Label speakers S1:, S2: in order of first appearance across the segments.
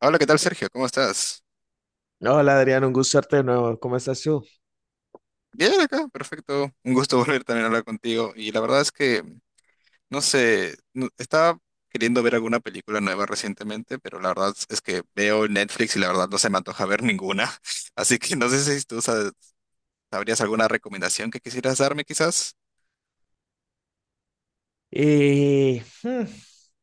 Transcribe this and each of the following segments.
S1: Hola, ¿qué tal, Sergio? ¿Cómo estás?
S2: Hola Adrián, un gusto verte de nuevo. ¿Cómo estás tú?
S1: Bien acá, perfecto. Un gusto volver también a hablar contigo. Y la verdad es que, no sé, estaba queriendo ver alguna película nueva recientemente, pero la verdad es que veo Netflix y la verdad no se me antoja ver ninguna. Así que no sé si tú sabrías alguna recomendación que quisieras darme, quizás.
S2: Eh, hmm,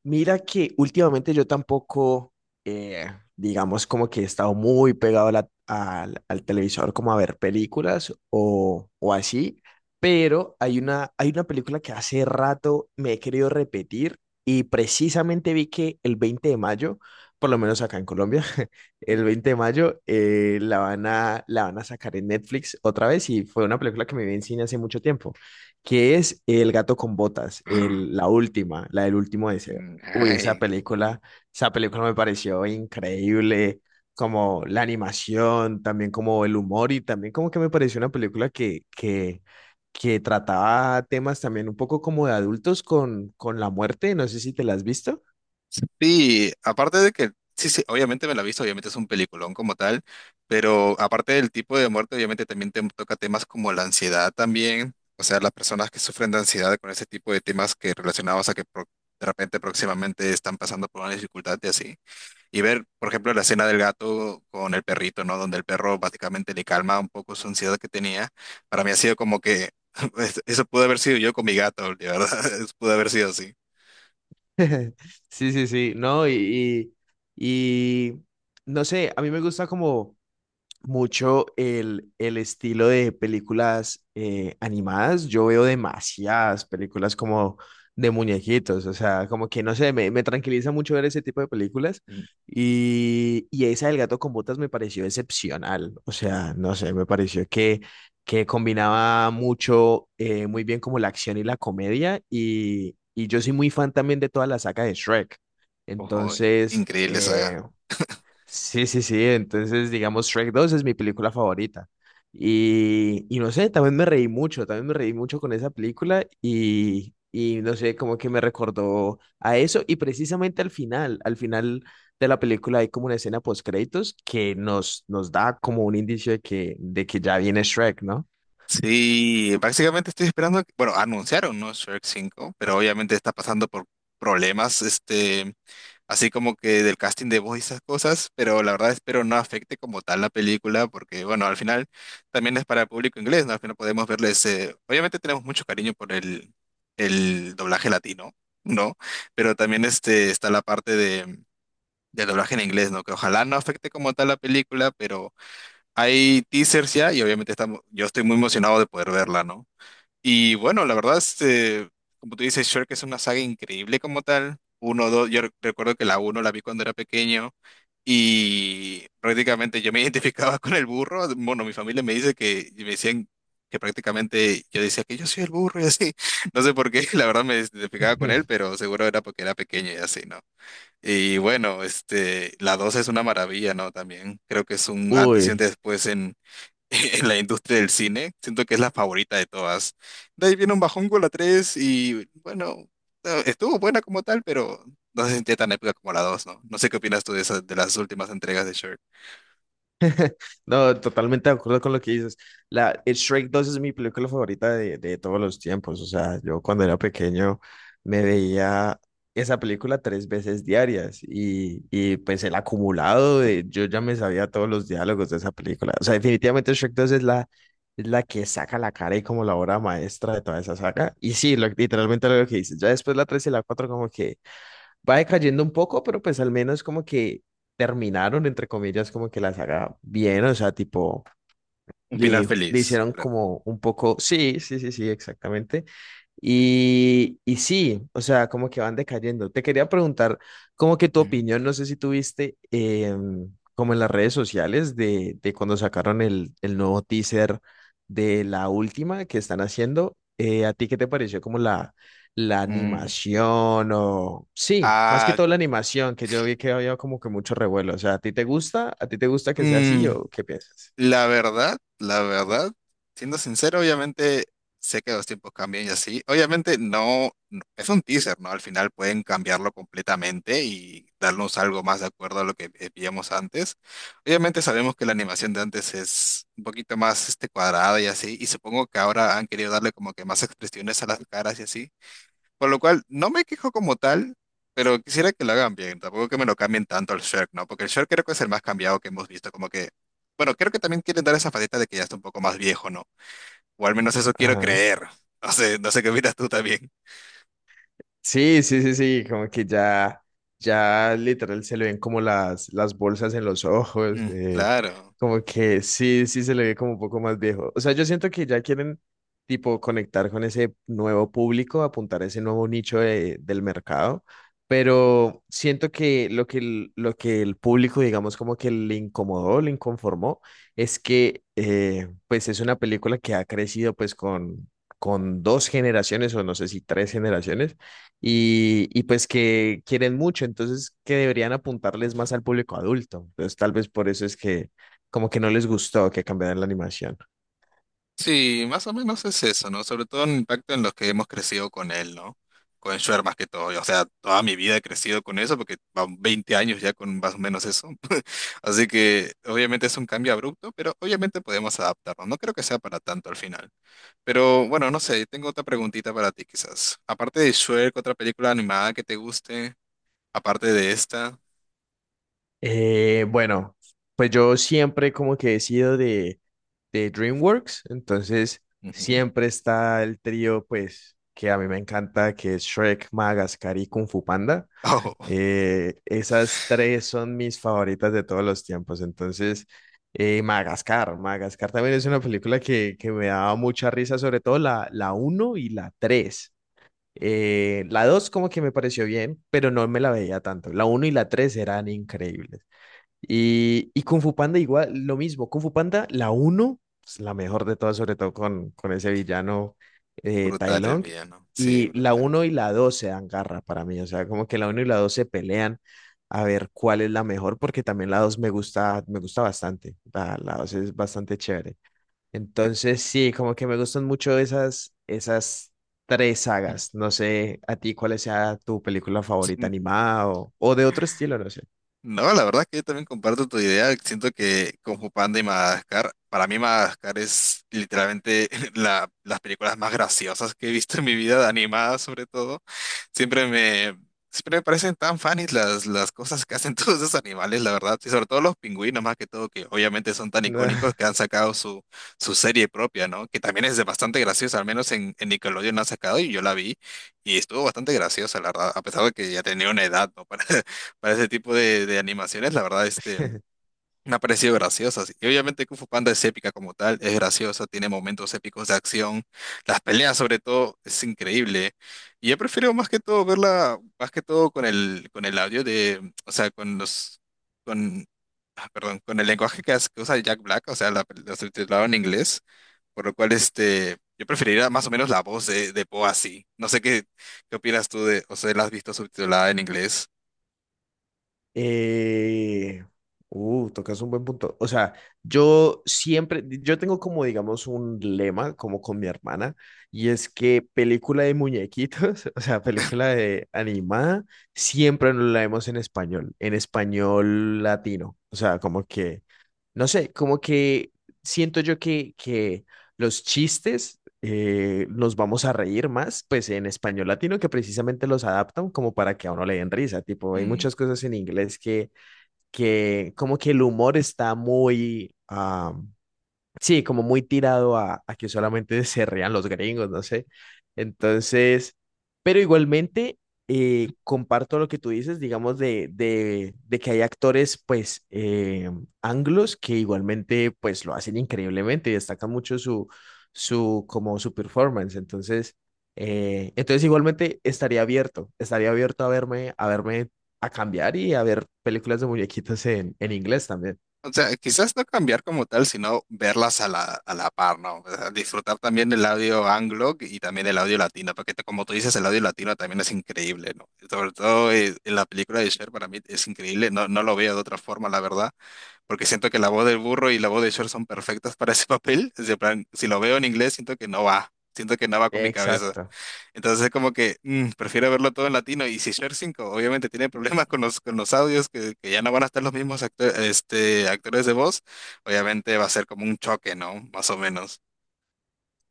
S2: mira que últimamente yo tampoco, eh, digamos como que he estado muy pegado al televisor como a ver películas o así, pero hay una película que hace rato me he querido repetir y precisamente vi que el 20 de mayo, por lo menos acá en Colombia, el
S1: Mm.
S2: 20 de mayo la van a sacar en Netflix otra vez y fue una película que me vi en cine hace mucho tiempo, que es El gato con botas, la última, la del último deseo.
S1: Mm,
S2: Uy,
S1: ay.
S2: esa película me pareció increíble, como la animación, también como el humor y también como que me pareció una película que trataba temas también un poco como de adultos con la muerte, no sé si te la has visto.
S1: Sí, aparte de que, sí, sí, obviamente me la he visto, obviamente es un peliculón como tal, pero aparte del tipo de muerte, obviamente también te toca temas como la ansiedad también, o sea, las personas que sufren de ansiedad con ese tipo de temas que relacionados a que de repente próximamente están pasando por una dificultad y así. Y ver, por ejemplo, la escena del gato con el perrito, ¿no? Donde el perro básicamente le calma un poco su ansiedad que tenía. Para mí ha sido como que, eso pudo haber sido yo con mi gato, de verdad, pudo haber sido así.
S2: Sí, sí, sí, no, y no sé, a mí me gusta como mucho el estilo de películas animadas. Yo veo demasiadas películas como de muñequitos, o sea, como que no sé, me tranquiliza mucho ver ese tipo de películas y esa del gato con botas me pareció excepcional, o sea, no sé, me pareció que combinaba mucho, muy bien como la acción y la comedia y yo soy muy fan también de toda la saga de Shrek,
S1: Ojo,
S2: entonces.
S1: increíble saga.
S2: Sí, sí, sí. Entonces, digamos, Shrek 2 es mi película favorita. Y no sé, también me reí mucho, también me reí mucho con esa película y no sé, como que me recordó a eso. Y precisamente al final de la película hay como una escena post-créditos que nos da como un indicio de que ya viene Shrek, ¿no?
S1: Sí, básicamente estoy esperando, bueno, anunciaron, ¿no? Shrek cinco, pero obviamente está pasando por problemas, este, así como que del casting de voz y esas cosas, pero la verdad espero no afecte como tal la película, porque bueno, al final también es para el público inglés, ¿no? Al final podemos verles, obviamente tenemos mucho cariño por el doblaje latino, ¿no? Pero también este, está la parte de, del doblaje en inglés, ¿no? Que ojalá no afecte como tal la película, pero... Hay teasers ya y obviamente estamos, yo estoy muy emocionado de poder verla, ¿no? Y bueno, la verdad, este, como tú dices, Shrek es una saga increíble como tal. Uno, dos, yo recuerdo que la uno la vi cuando era pequeño y prácticamente yo me identificaba con el burro. Bueno, mi familia me dice que, y me decían que prácticamente yo decía que yo soy el burro y así. No sé por qué, la verdad me identificaba con él, pero seguro era porque era pequeño y así, ¿no? Y bueno, este, la 2 es una maravilla, ¿no? También creo que es un antes y un
S2: Uy.
S1: después en la industria del cine. Siento que es la favorita de todas. De ahí viene un bajón con la 3 y bueno, estuvo buena como tal, pero no se sentía tan épica como la dos, ¿no? No sé qué opinas tú de esas, de las últimas entregas de Shrek.
S2: No, totalmente de acuerdo con lo que dices. Shrek 2 es mi película favorita de todos los tiempos. O sea, yo cuando era pequeño me veía esa película tres veces diarias y pues el acumulado de yo ya me sabía todos los diálogos de esa película. O sea, definitivamente Shrek 2 es la que saca la cara y como la obra maestra de toda esa saga. Y sí, literalmente lo que dices. Ya después la 3 y la 4 como que va decayendo un poco, pero pues al menos como que terminaron, entre comillas, como que la saga bien, o sea, tipo,
S1: Un final
S2: le
S1: feliz,
S2: hicieron
S1: claro.
S2: como un poco, sí, sí, sí, sí, exactamente. Y sí, o sea, como que van decayendo. Te quería preguntar, como que tu
S1: Ujú.
S2: opinión, no sé si tuviste como en las redes sociales de cuando sacaron el nuevo teaser de la última que están haciendo, ¿a ti qué te pareció como la
S1: Mm,
S2: animación o... Sí, más que
S1: Ah,
S2: todo la animación, que yo vi que había como que mucho revuelo. O sea, ¿a ti te gusta? ¿A ti te gusta que sea así
S1: mm,
S2: o qué piensas?
S1: La verdad, siendo sincero, obviamente sé que los tiempos cambian y así. Obviamente no, es un teaser, ¿no? Al final pueden cambiarlo completamente y darnos algo más de acuerdo a lo que veíamos antes. Obviamente sabemos que la animación de antes es un poquito más este, cuadrada y así, y supongo que ahora han querido darle como que más expresiones a las caras y así. Por lo cual, no me quejo como tal, pero quisiera que lo hagan bien. Tampoco que me lo cambien tanto al Shrek, ¿no? Porque el Shrek creo que es el más cambiado que hemos visto. Como que, bueno, creo que también quieren dar esa faceta de que ya está un poco más viejo, ¿no? O al menos eso quiero
S2: Ajá.
S1: creer. No sé, no sé qué opinas tú también.
S2: Sí, sí, sí, sí, como que ya literal se le ven como las bolsas en los ojos,
S1: Mm, claro.
S2: como que sí, sí se le ve como un poco más viejo. O sea, yo siento que ya quieren tipo conectar con ese nuevo público, apuntar a ese nuevo nicho del mercado, pero siento que lo que el público, digamos, como que le incomodó, le inconformó, es que pues es una película que ha crecido pues con dos generaciones o no sé si tres generaciones y pues que quieren mucho, entonces que deberían apuntarles más al público adulto. Entonces tal vez por eso es que como que no les gustó que cambiaran la animación.
S1: Sí, más o menos es eso, ¿no? Sobre todo el impacto en los que hemos crecido con él, ¿no? Con Schwer más que todo. O sea, toda mi vida he crecido con eso porque van 20 años ya con más o menos eso. Así que obviamente es un cambio abrupto, pero obviamente podemos adaptarnos. No creo que sea para tanto al final. Pero bueno, no sé, tengo otra preguntita para ti quizás. Aparte de Shrek, otra película animada que te guste, aparte de esta.
S2: Bueno, pues yo siempre como que he sido de DreamWorks, entonces
S1: Ujú.
S2: siempre está el trío pues que a mí me encanta, que es Shrek, Madagascar y Kung Fu Panda.
S1: Oh,
S2: Esas tres son mis favoritas de todos los tiempos. Entonces, Madagascar también es una película que me daba mucha risa, sobre todo la uno y la 3. La 2 como que me pareció bien, pero no me la veía tanto. La uno y la 3 eran increíbles. Y Kung Fu Panda igual, lo mismo. Kung Fu Panda, la uno es la mejor de todas, sobre todo con ese villano, Tai
S1: brutal el
S2: Lung.
S1: villano. Sí,
S2: Y la
S1: brutal.
S2: uno y la 2 se dan garra para mí. O sea, como que la uno y la dos se pelean a ver cuál es la mejor, porque también la 2 me gusta bastante. La 2 es bastante chévere. Entonces, sí, como que me gustan mucho esas tres sagas. No sé a ti cuál sea tu película favorita animada o de otro estilo, no sé.
S1: No, la verdad que yo también comparto tu idea. Siento que como Panda y Madagascar, para mí Madagascar es literalmente las películas más graciosas que he visto en mi vida, animadas sobre todo. Siempre me, siempre me parecen tan funny las cosas que hacen todos esos animales, la verdad. Y sobre todo los pingüinos, más que todo, que obviamente son tan icónicos que han sacado su, serie propia, ¿no? Que también es de bastante graciosa, al menos en Nickelodeon la han sacado y yo la vi. Y estuvo bastante graciosa, la verdad, a pesar de que ya tenía una edad, ¿no? para ese tipo de animaciones, la verdad, este, me ha parecido graciosa. Sí. Y obviamente Kung Fu Panda es épica como tal, es graciosa, tiene momentos épicos de acción, las peleas sobre todo, es increíble. Y yo prefiero más que todo verla, más que todo con el, audio de, o sea, con, ah, perdón, con el lenguaje que, que usa Jack Black, o sea, la, subtitulado en inglés, por lo cual, este, yo preferiría más o menos la voz de, Poe así. No sé qué opinas tú de, o sea, la has visto subtitulada en inglés.
S2: Eh, tocas un buen punto. O sea, yo tengo como, digamos, un lema, como con mi hermana, y es que película de muñequitos, o sea, película de animada, siempre nos la vemos en español latino. O sea, como que no sé, como que siento yo que los chistes nos vamos a reír más, pues en español latino que precisamente los adaptan como para que a uno le den risa, tipo, hay muchas cosas en inglés que como que el humor está muy, sí, como muy tirado a que solamente se rían los gringos, no sé. Entonces, pero igualmente comparto lo que tú dices, digamos, de que hay actores, pues, anglos que igualmente, pues, lo hacen increíblemente y destacan mucho como su performance. Entonces, igualmente estaría abierto a verme, a cambiar y a ver películas de muñequitos en inglés también.
S1: O sea, quizás no cambiar como tal, sino verlas a la par, ¿no? O sea, disfrutar también del audio anglo y también del audio latino, porque como tú dices, el audio latino también es increíble, ¿no? Sobre todo en la película de Cher para mí es increíble, no, no lo veo de otra forma, la verdad, porque siento que la voz del burro y la voz de Cher son perfectas para ese papel. Es de plan, si lo veo en inglés, siento que no va, siento que no va con mi cabeza.
S2: Exacto.
S1: Entonces es como que prefiero verlo todo en latino. Y si Share 5 obviamente tiene problemas con los, audios, que ya no van a estar los mismos este, actores de voz, obviamente va a ser como un choque, ¿no? Más o menos.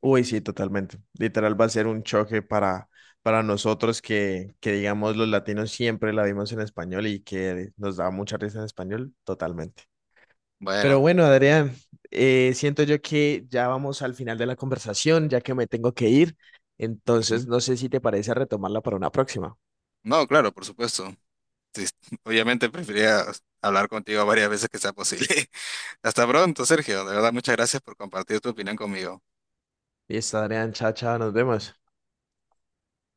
S2: Uy, sí, totalmente. Literal va a ser un choque para nosotros que, digamos, los latinos siempre la vimos en español y que nos da mucha risa en español, totalmente. Pero
S1: Bueno,
S2: bueno, Adrián, siento yo que ya vamos al final de la conversación, ya que me tengo que ir. Entonces,
S1: ujú.
S2: no sé si te parece retomarla para una próxima.
S1: No, claro, por supuesto. Sí, obviamente preferiría hablar contigo varias veces que sea posible. Hasta pronto, Sergio. De verdad, muchas gracias por compartir tu opinión conmigo.
S2: Listo, Adrián, chao, chao, nos vemos.